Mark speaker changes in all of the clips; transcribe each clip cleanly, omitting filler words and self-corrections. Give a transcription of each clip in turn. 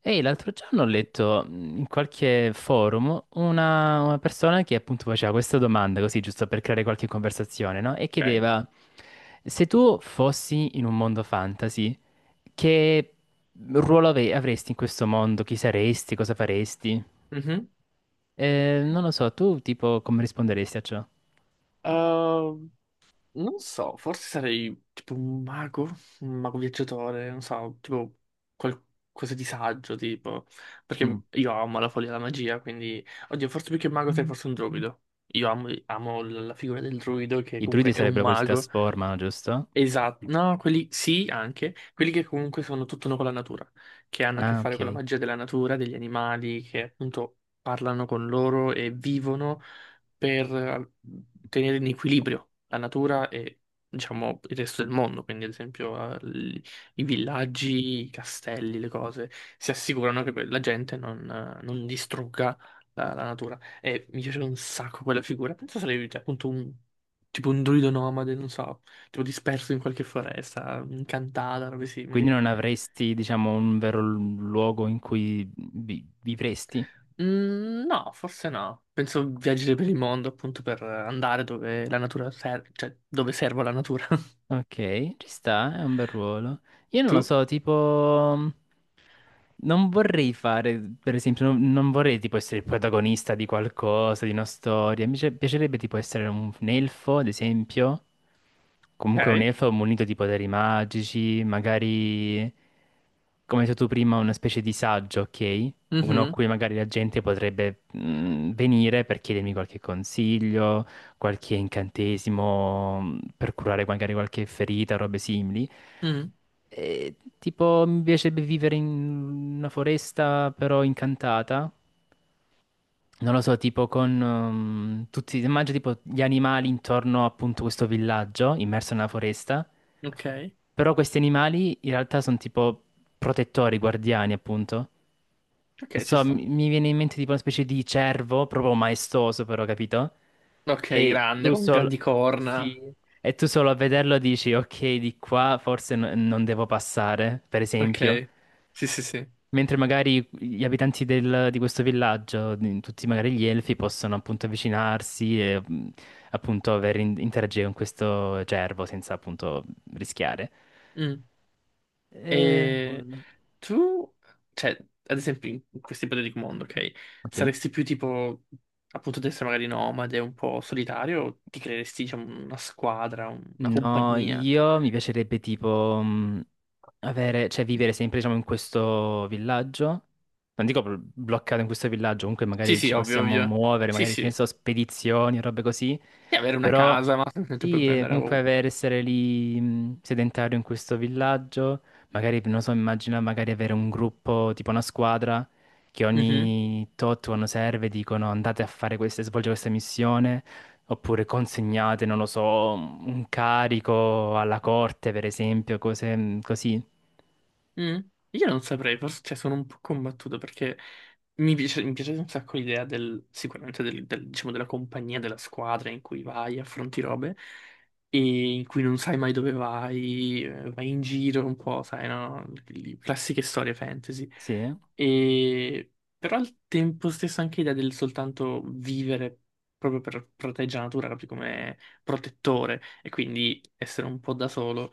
Speaker 1: Ehi, l'altro giorno ho letto in qualche forum una persona che appunto faceva questa domanda, così giusto per creare qualche conversazione, no? E
Speaker 2: Ok.
Speaker 1: chiedeva, se tu fossi in un mondo fantasy, che ruolo avresti in questo mondo? Chi saresti? Cosa faresti?
Speaker 2: Mhm.
Speaker 1: Non lo so, tu tipo come risponderesti a ciò?
Speaker 2: Ehm, Non so, forse sarei tipo un mago viaggiatore, non so, tipo qualcosa di saggio, tipo,
Speaker 1: Mm.
Speaker 2: perché io amo la follia e la magia, quindi, oddio, forse più che un mago sei forse un druido. Io amo, amo la figura del druido che
Speaker 1: I druidi
Speaker 2: comunque è un
Speaker 1: sarebbero quelli che si
Speaker 2: mago.
Speaker 1: trasformano, giusto?
Speaker 2: Esatto, no, quelli sì, anche, quelli che comunque sono tutto uno con la natura, che hanno a che
Speaker 1: Ah,
Speaker 2: fare con la
Speaker 1: ok.
Speaker 2: magia della natura, degli animali che appunto parlano con loro e vivono per tenere in equilibrio la natura e diciamo il resto del mondo, quindi ad esempio i villaggi, i castelli, le cose, si assicurano che la gente non, non distrugga la natura. E mi piace un sacco quella figura, penso sarebbe cioè, appunto un tipo un druido nomade, non so tipo disperso in qualche foresta, incantata, robe
Speaker 1: Quindi
Speaker 2: simili.
Speaker 1: non avresti, diciamo, un vero luogo in cui vivresti?
Speaker 2: Mm, no, forse no. Penso viaggiare per il mondo appunto per andare dove la natura serve, cioè dove serve la natura.
Speaker 1: Ok, ci sta, è un bel ruolo. Io non lo
Speaker 2: Tu?
Speaker 1: so, tipo... mm, non vorrei fare, per esempio, non vorrei tipo essere il protagonista di qualcosa, di una storia. Piacerebbe tipo essere un elfo, ad esempio. Comunque un
Speaker 2: Ok.
Speaker 1: elfo munito di poteri magici, magari, come hai detto tu prima, una specie di saggio, ok? Uno a
Speaker 2: Mhm.
Speaker 1: cui magari la gente potrebbe venire per chiedermi qualche consiglio, qualche incantesimo per curare magari qualche ferita, robe simili.
Speaker 2: Mhm.
Speaker 1: E, tipo, mi piacerebbe vivere in una foresta però incantata. Non lo so, tipo con tutti, immagino tipo gli animali intorno appunto a questo villaggio immerso nella foresta.
Speaker 2: Ok.
Speaker 1: Però questi animali in realtà sono tipo protettori, guardiani, appunto.
Speaker 2: Ok,
Speaker 1: Non
Speaker 2: ci
Speaker 1: so,
Speaker 2: sta.
Speaker 1: mi viene in mente tipo una specie di cervo, proprio maestoso però, capito?
Speaker 2: Ok,
Speaker 1: E
Speaker 2: grande,
Speaker 1: tu
Speaker 2: con
Speaker 1: solo...
Speaker 2: grandi
Speaker 1: Sì.
Speaker 2: corna.
Speaker 1: E tu solo a vederlo dici, ok, di qua forse non devo passare, per esempio.
Speaker 2: Ok. Sì, sì, sì.
Speaker 1: Mentre magari gli abitanti di questo villaggio, tutti magari gli elfi, possono appunto avvicinarsi e appunto interagire con questo cervo senza appunto rischiare.
Speaker 2: Mm.
Speaker 1: E...
Speaker 2: E
Speaker 1: Nulla.
Speaker 2: tu, cioè, ad esempio, in questo ipotetico mondo, ok?
Speaker 1: Ok.
Speaker 2: Saresti più tipo, appunto, di essere magari nomade, un po' solitario, o ti creeresti, diciamo, una squadra, una
Speaker 1: No,
Speaker 2: compagnia?
Speaker 1: io mi piacerebbe tipo avere, cioè vivere sempre diciamo in questo villaggio. Non dico bloccato in questo villaggio, comunque
Speaker 2: Sì,
Speaker 1: magari
Speaker 2: sì,
Speaker 1: ci
Speaker 2: ovvio,
Speaker 1: possiamo
Speaker 2: ovvio.
Speaker 1: muovere,
Speaker 2: Sì,
Speaker 1: magari
Speaker 2: sì.
Speaker 1: che ne
Speaker 2: E
Speaker 1: so, spedizioni, robe così.
Speaker 2: avere una
Speaker 1: Però
Speaker 2: casa, ma semplicemente poi puoi
Speaker 1: sì,
Speaker 2: andare
Speaker 1: comunque
Speaker 2: ovunque.
Speaker 1: avere, essere lì sedentario in questo villaggio, magari, non so, immagina magari avere un gruppo, tipo una squadra, che ogni tot quando serve dicono andate a fare queste, svolgere questa missione. Oppure consegnate, non lo so, un carico alla corte, per esempio, cose così.
Speaker 2: Mm. Io non saprei, forse cioè, sono un po' combattuto perché mi piace un sacco l'idea del, sicuramente del, diciamo, della compagnia, della squadra in cui vai, affronti robe e in cui non sai mai dove vai, vai in giro un po', sai, no? Le classiche storie fantasy.
Speaker 1: Sì, eh?
Speaker 2: E... Però al tempo stesso anche l'idea del soltanto vivere proprio per proteggere la natura, proprio come protettore e quindi essere un po' da solo.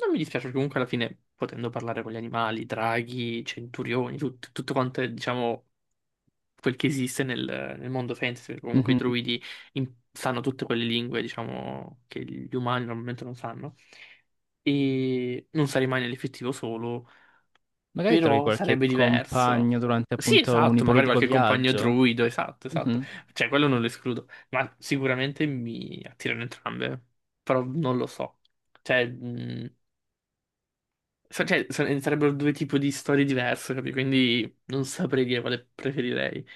Speaker 2: Non mi dispiace perché comunque alla fine, potendo parlare con gli animali, draghi, centurioni, tutto quanto è, diciamo, quel che esiste nel, nel mondo fantasy, perché comunque i
Speaker 1: Mhm.
Speaker 2: druidi sanno tutte quelle lingue, diciamo, che gli umani normalmente non sanno. E non sarei mai nell'effettivo solo,
Speaker 1: Magari trovi
Speaker 2: però
Speaker 1: qualche
Speaker 2: sarebbe diverso.
Speaker 1: compagno durante
Speaker 2: Sì,
Speaker 1: appunto un
Speaker 2: esatto, magari
Speaker 1: ipotetico
Speaker 2: qualche compagno
Speaker 1: viaggio.
Speaker 2: druido, esatto, esatto.
Speaker 1: Mhm.
Speaker 2: Cioè, quello non lo escludo, ma sicuramente mi attirano entrambe, però non lo so. Cioè, sarebbero due tipi di storie diverse, capi? Quindi non saprei dire quale preferirei.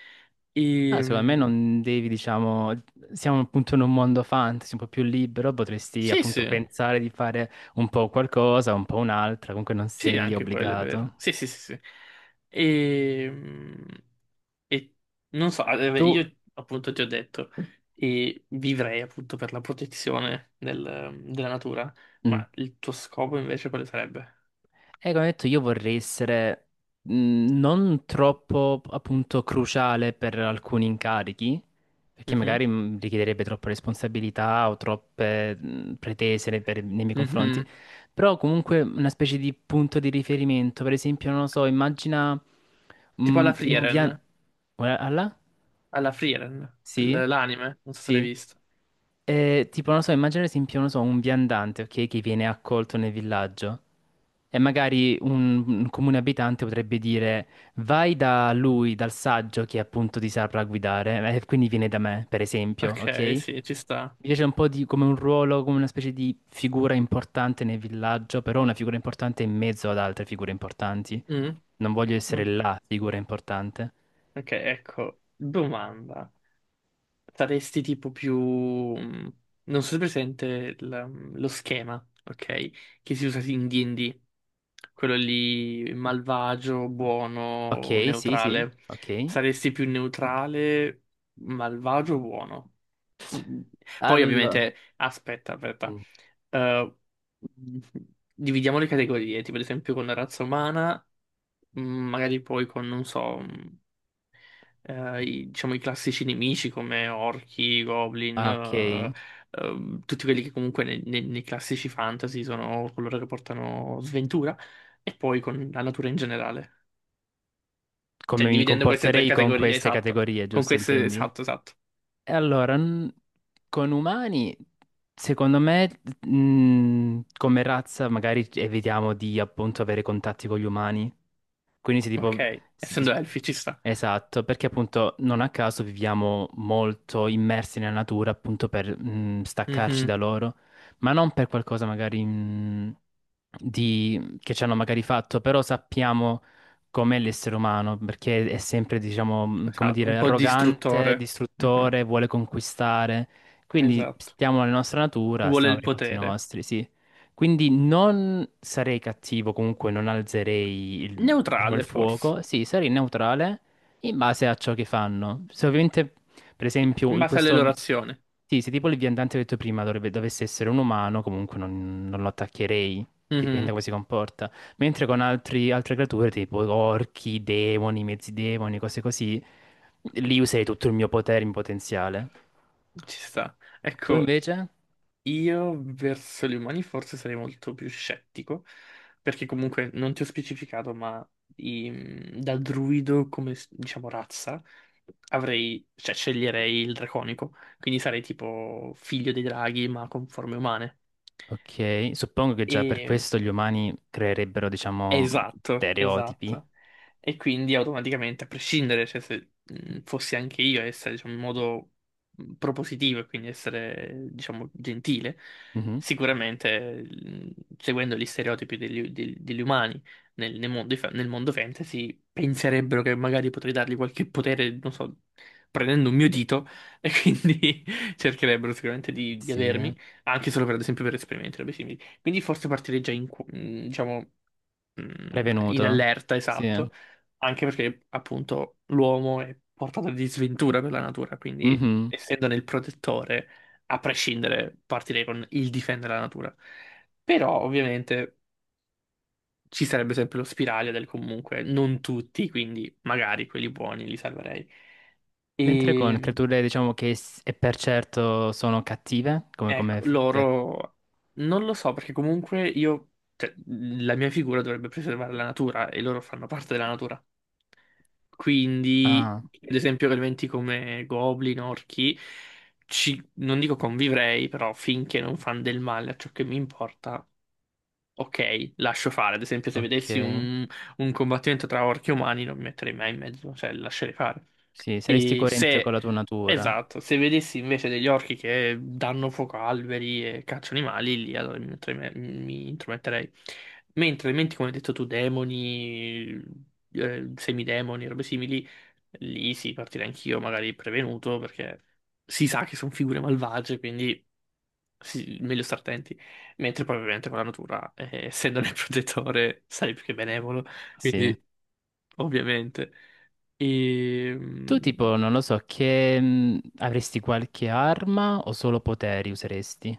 Speaker 1: Ah, secondo me
Speaker 2: Ehm,
Speaker 1: non devi, diciamo, siamo appunto in un mondo fantasy un po' più libero, potresti
Speaker 2: sì,
Speaker 1: appunto
Speaker 2: sì,
Speaker 1: pensare di fare un po' qualcosa, un po' un'altra, comunque non
Speaker 2: sì,
Speaker 1: sei
Speaker 2: anche quello è
Speaker 1: obbligato.
Speaker 2: vero. Sì, sì, sì, sì. Ehm, E, non so, beh,
Speaker 1: Tu,
Speaker 2: io appunto ti ho detto, e vivrei appunto per la protezione della natura,
Speaker 1: mm,
Speaker 2: ma il tuo scopo invece quale sarebbe?
Speaker 1: e come ho detto, io vorrei essere mh, non troppo appunto cruciale per alcuni incarichi, perché
Speaker 2: Mhm,
Speaker 1: magari richiederebbe troppe responsabilità o troppe pretese nei miei confronti,
Speaker 2: mhm.
Speaker 1: però comunque una specie di punto di riferimento, per esempio, non lo so, immagina
Speaker 2: Tipo
Speaker 1: un viaggio...
Speaker 2: Alla Frieren,
Speaker 1: Sì,
Speaker 2: l'anime, non so se l'hai
Speaker 1: sì.
Speaker 2: visto.
Speaker 1: Tipo, non lo so, immagina ad esempio, non lo so, un viandante, ok, che viene accolto nel villaggio. E magari un comune abitante potrebbe dire: vai da lui, dal saggio che appunto ti saprà guidare, e quindi viene da me, per esempio, ok?
Speaker 2: Ok,
Speaker 1: Mi
Speaker 2: sì, ci sta.
Speaker 1: piace un po' di, come un ruolo, come una specie di figura importante nel villaggio, però una figura importante in mezzo ad altre figure importanti.
Speaker 2: Mm.
Speaker 1: Non voglio essere
Speaker 2: Mm,
Speaker 1: la figura importante.
Speaker 2: ok, ecco, domanda. Saresti tipo più... non so se è presente lo schema, ok? Che si usa sì in D&D. Quello lì malvagio, buono,
Speaker 1: Ok, sì, sì,
Speaker 2: neutrale.
Speaker 1: ok.
Speaker 2: Saresti più neutrale, malvagio o buono? Mm, Poi
Speaker 1: Allora.
Speaker 2: ovviamente... Aspetta, aspetta.
Speaker 1: Mm.
Speaker 2: Eh, Dividiamo le categorie, tipo ad esempio con la razza umana, magari poi con, non so... i, diciamo, i classici nemici come orchi, goblin,
Speaker 1: Ah, ok.
Speaker 2: tutti quelli che comunque nei, nei classici fantasy sono coloro che portano sventura, e poi con la natura in generale. Cioè,
Speaker 1: Come mi
Speaker 2: dividendo queste tre
Speaker 1: comporterei con
Speaker 2: categorie,
Speaker 1: queste
Speaker 2: esatto.
Speaker 1: categorie,
Speaker 2: Con
Speaker 1: giusto,
Speaker 2: queste,
Speaker 1: intendi?
Speaker 2: esatto, esatto.
Speaker 1: E allora, n- con umani, secondo me, come razza, magari evitiamo di appunto avere contatti con gli umani. Quindi se tipo...
Speaker 2: Ok,
Speaker 1: si-
Speaker 2: essendo
Speaker 1: si-
Speaker 2: elfi ci sta.
Speaker 1: esatto, perché appunto non a caso viviamo molto immersi nella natura appunto per staccarci
Speaker 2: Mhm.
Speaker 1: da loro, ma non per qualcosa magari che ci hanno magari fatto, però sappiamo com'è l'essere umano, perché è sempre, diciamo, come
Speaker 2: Esatto, un
Speaker 1: dire,
Speaker 2: po'
Speaker 1: arrogante,
Speaker 2: distruttore. Mhm.
Speaker 1: distruttore, vuole conquistare. Quindi
Speaker 2: Esatto.
Speaker 1: stiamo nella nostra natura,
Speaker 2: Vuole
Speaker 1: stiamo
Speaker 2: il
Speaker 1: per i fatti
Speaker 2: potere.
Speaker 1: nostri, sì. Quindi non sarei cattivo, comunque non alzerei diciamo, il
Speaker 2: Neutrale, forse.
Speaker 1: fuoco, sì, sarei neutrale in base a ciò che fanno. Se ovviamente, per
Speaker 2: Sì,
Speaker 1: esempio,
Speaker 2: in base
Speaker 1: questo... vi-
Speaker 2: all'elorazione.
Speaker 1: Sì, se tipo il viandante che ho detto prima dovesse essere un umano, comunque non lo attaccherei, dipende da
Speaker 2: Mhm.
Speaker 1: come si comporta. Mentre con altre creature, tipo orchi, demoni, mezzi demoni, cose così, lì userei tutto il mio potere in potenziale.
Speaker 2: Ci sta.
Speaker 1: Tu
Speaker 2: Ecco,
Speaker 1: invece?
Speaker 2: io verso gli umani forse sarei molto più scettico, perché comunque non ti ho specificato, ma da druido come diciamo razza avrei, cioè sceglierei il draconico, quindi sarei tipo figlio dei draghi ma con forme umane.
Speaker 1: Ok, suppongo che già per questo gli umani creerebbero, diciamo,
Speaker 2: Esatto,
Speaker 1: stereotipi.
Speaker 2: esatto. E quindi automaticamente, a prescindere, cioè, se fossi anche io a essere, diciamo, in modo propositivo e quindi essere, diciamo, gentile,
Speaker 1: Mhm.
Speaker 2: sicuramente, seguendo gli stereotipi degli, degli umani nel, nel mondo, nel mondo fantasy, penserebbero che magari potrei dargli qualche potere, non so, prendendo un mio dito, e quindi cercherebbero sicuramente di
Speaker 1: Sì, eh.
Speaker 2: avermi, anche solo per, ad esempio, per esperimenti robe simili. Quindi forse partirei già in, diciamo in
Speaker 1: Prevenuto.
Speaker 2: allerta,
Speaker 1: Sì, eh.
Speaker 2: esatto, anche perché appunto l'uomo è portato di sventura per la natura, quindi
Speaker 1: Mhm.
Speaker 2: essendo nel protettore, a prescindere, partirei con il difendere la natura. Però ovviamente ci sarebbe sempre lo spiraglio del comunque, non tutti, quindi magari quelli buoni li salverei.
Speaker 1: Mentre con
Speaker 2: E
Speaker 1: creature, diciamo che e per certo sono cattive, come,
Speaker 2: ecco, loro non lo so perché comunque io, cioè, la mia figura dovrebbe preservare la natura e loro fanno parte della natura. Quindi,
Speaker 1: ah,
Speaker 2: ad esempio, elementi come goblin, orchi, ci, non dico convivrei, però finché non fanno del male a ciò che mi importa, ok, lascio fare. Ad esempio, se
Speaker 1: ok.
Speaker 2: vedessi un combattimento tra orchi e umani, non mi metterei mai in mezzo, cioè lascerei fare.
Speaker 1: Sì, saresti
Speaker 2: E
Speaker 1: coerente
Speaker 2: se,
Speaker 1: con la tua natura.
Speaker 2: esatto, se vedessi invece degli orchi che danno fuoco a alberi e cacciano animali, lì allora mi, mi intrometterei. Mentre elementi, come hai detto tu, demoni, semidemoni, robe simili, lì sì, partirei anch'io, magari prevenuto, perché si sa che sono figure malvagie, quindi sì, meglio stare attenti. Mentre poi ovviamente con la natura, essendone il protettore, sarei più che benevolo,
Speaker 1: Sì.
Speaker 2: quindi ovviamente.
Speaker 1: Tu
Speaker 2: Ehm,
Speaker 1: tipo, non lo so, che avresti qualche arma o solo poteri useresti?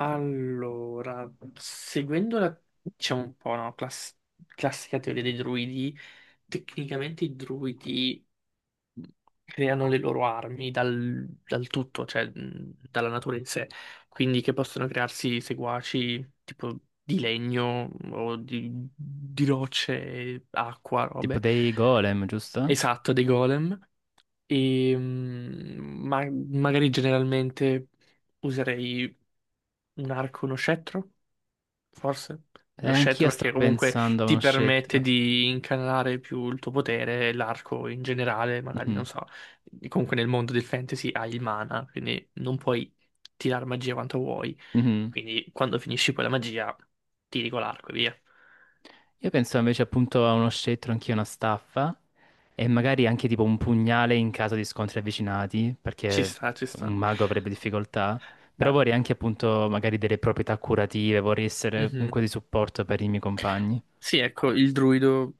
Speaker 2: Allora, seguendo la, c'è un po' una classica teoria dei druidi, tecnicamente i druidi creano le loro armi dal, dal tutto, cioè dalla natura in sé, quindi che possono crearsi seguaci tipo di legno o di rocce, acqua,
Speaker 1: Tipo
Speaker 2: robe.
Speaker 1: dei golem, giusto?
Speaker 2: Esatto, dei golem. E, ma magari generalmente userei un arco, uno scettro, forse. Lo
Speaker 1: Anch'io
Speaker 2: scettro perché
Speaker 1: stavo
Speaker 2: comunque
Speaker 1: pensando a
Speaker 2: ti
Speaker 1: uno
Speaker 2: permette
Speaker 1: scettro.
Speaker 2: di incanalare più il tuo potere, e l'arco in generale, magari
Speaker 1: Mhm,
Speaker 2: non so. Comunque nel mondo del fantasy hai il mana, quindi non puoi tirare magia quanto vuoi.
Speaker 1: mhm.
Speaker 2: Quindi quando finisci poi la magia, tiri con l'arco e via.
Speaker 1: Io penso invece appunto a uno scettro, anch'io una staffa. E magari anche tipo un pugnale in caso di scontri avvicinati,
Speaker 2: Ci
Speaker 1: perché
Speaker 2: sta, ci
Speaker 1: un
Speaker 2: sta.
Speaker 1: mago avrebbe difficoltà. Però
Speaker 2: Beh.
Speaker 1: vorrei anche appunto magari delle proprietà curative, vorrei essere
Speaker 2: Mhm.
Speaker 1: comunque di supporto per i miei compagni.
Speaker 2: Sì, ecco, il druido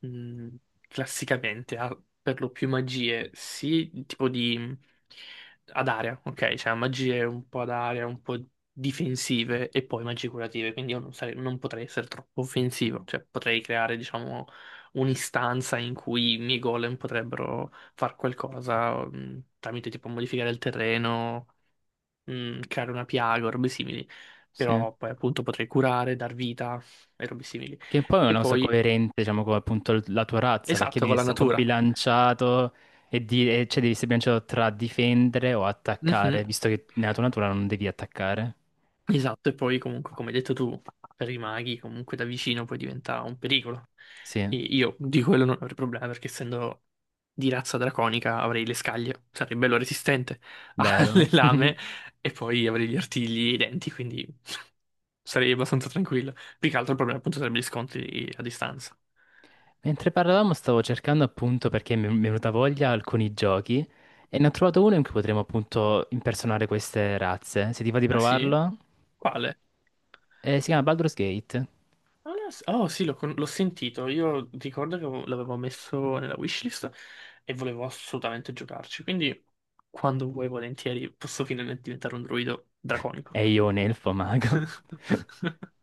Speaker 2: mh, classicamente ha per lo più magie, sì, tipo di ad area, ok? Cioè magie un po' ad area, un po' difensive e poi magie curative, quindi io non, non potrei essere troppo offensivo, cioè potrei creare, diciamo, un'istanza in cui i miei golem potrebbero far qualcosa tramite tipo modificare il terreno, creare una piaga o robe simili,
Speaker 1: Sì.
Speaker 2: però poi appunto potrei curare, dar vita e robe simili.
Speaker 1: Che poi è
Speaker 2: E
Speaker 1: una cosa
Speaker 2: poi
Speaker 1: coerente, diciamo, con appunto la tua razza, perché
Speaker 2: esatto,
Speaker 1: devi
Speaker 2: con la
Speaker 1: essere un po'
Speaker 2: natura.
Speaker 1: bilanciato cioè devi essere bilanciato tra difendere o attaccare,
Speaker 2: Mhm.
Speaker 1: visto che nella tua natura non devi attaccare.
Speaker 2: Esatto, e poi comunque, come hai detto tu, per i maghi comunque da vicino poi diventa un pericolo.
Speaker 1: Sì,
Speaker 2: E io di quello non avrei problema perché essendo di razza draconica avrei le scaglie, sarei bello resistente
Speaker 1: vero.
Speaker 2: alle lame e poi avrei gli artigli e i denti, quindi sarei abbastanza tranquillo. Più che altro il problema appunto sarebbe gli scontri a distanza.
Speaker 1: Mentre parlavamo stavo cercando appunto perché mi è venuta voglia alcuni giochi e ne ho trovato uno in cui potremo appunto impersonare queste razze. Se ti va di
Speaker 2: Ah sì?
Speaker 1: provarlo?
Speaker 2: Quale?
Speaker 1: Si chiama Baldur's Gate
Speaker 2: Non lo so. Oh sì, l'ho sentito. Io ricordo che l'avevo messo nella wishlist e volevo assolutamente giocarci. Quindi, quando vuoi, volentieri, posso finalmente diventare un druido draconico.
Speaker 1: e io un elfo mago.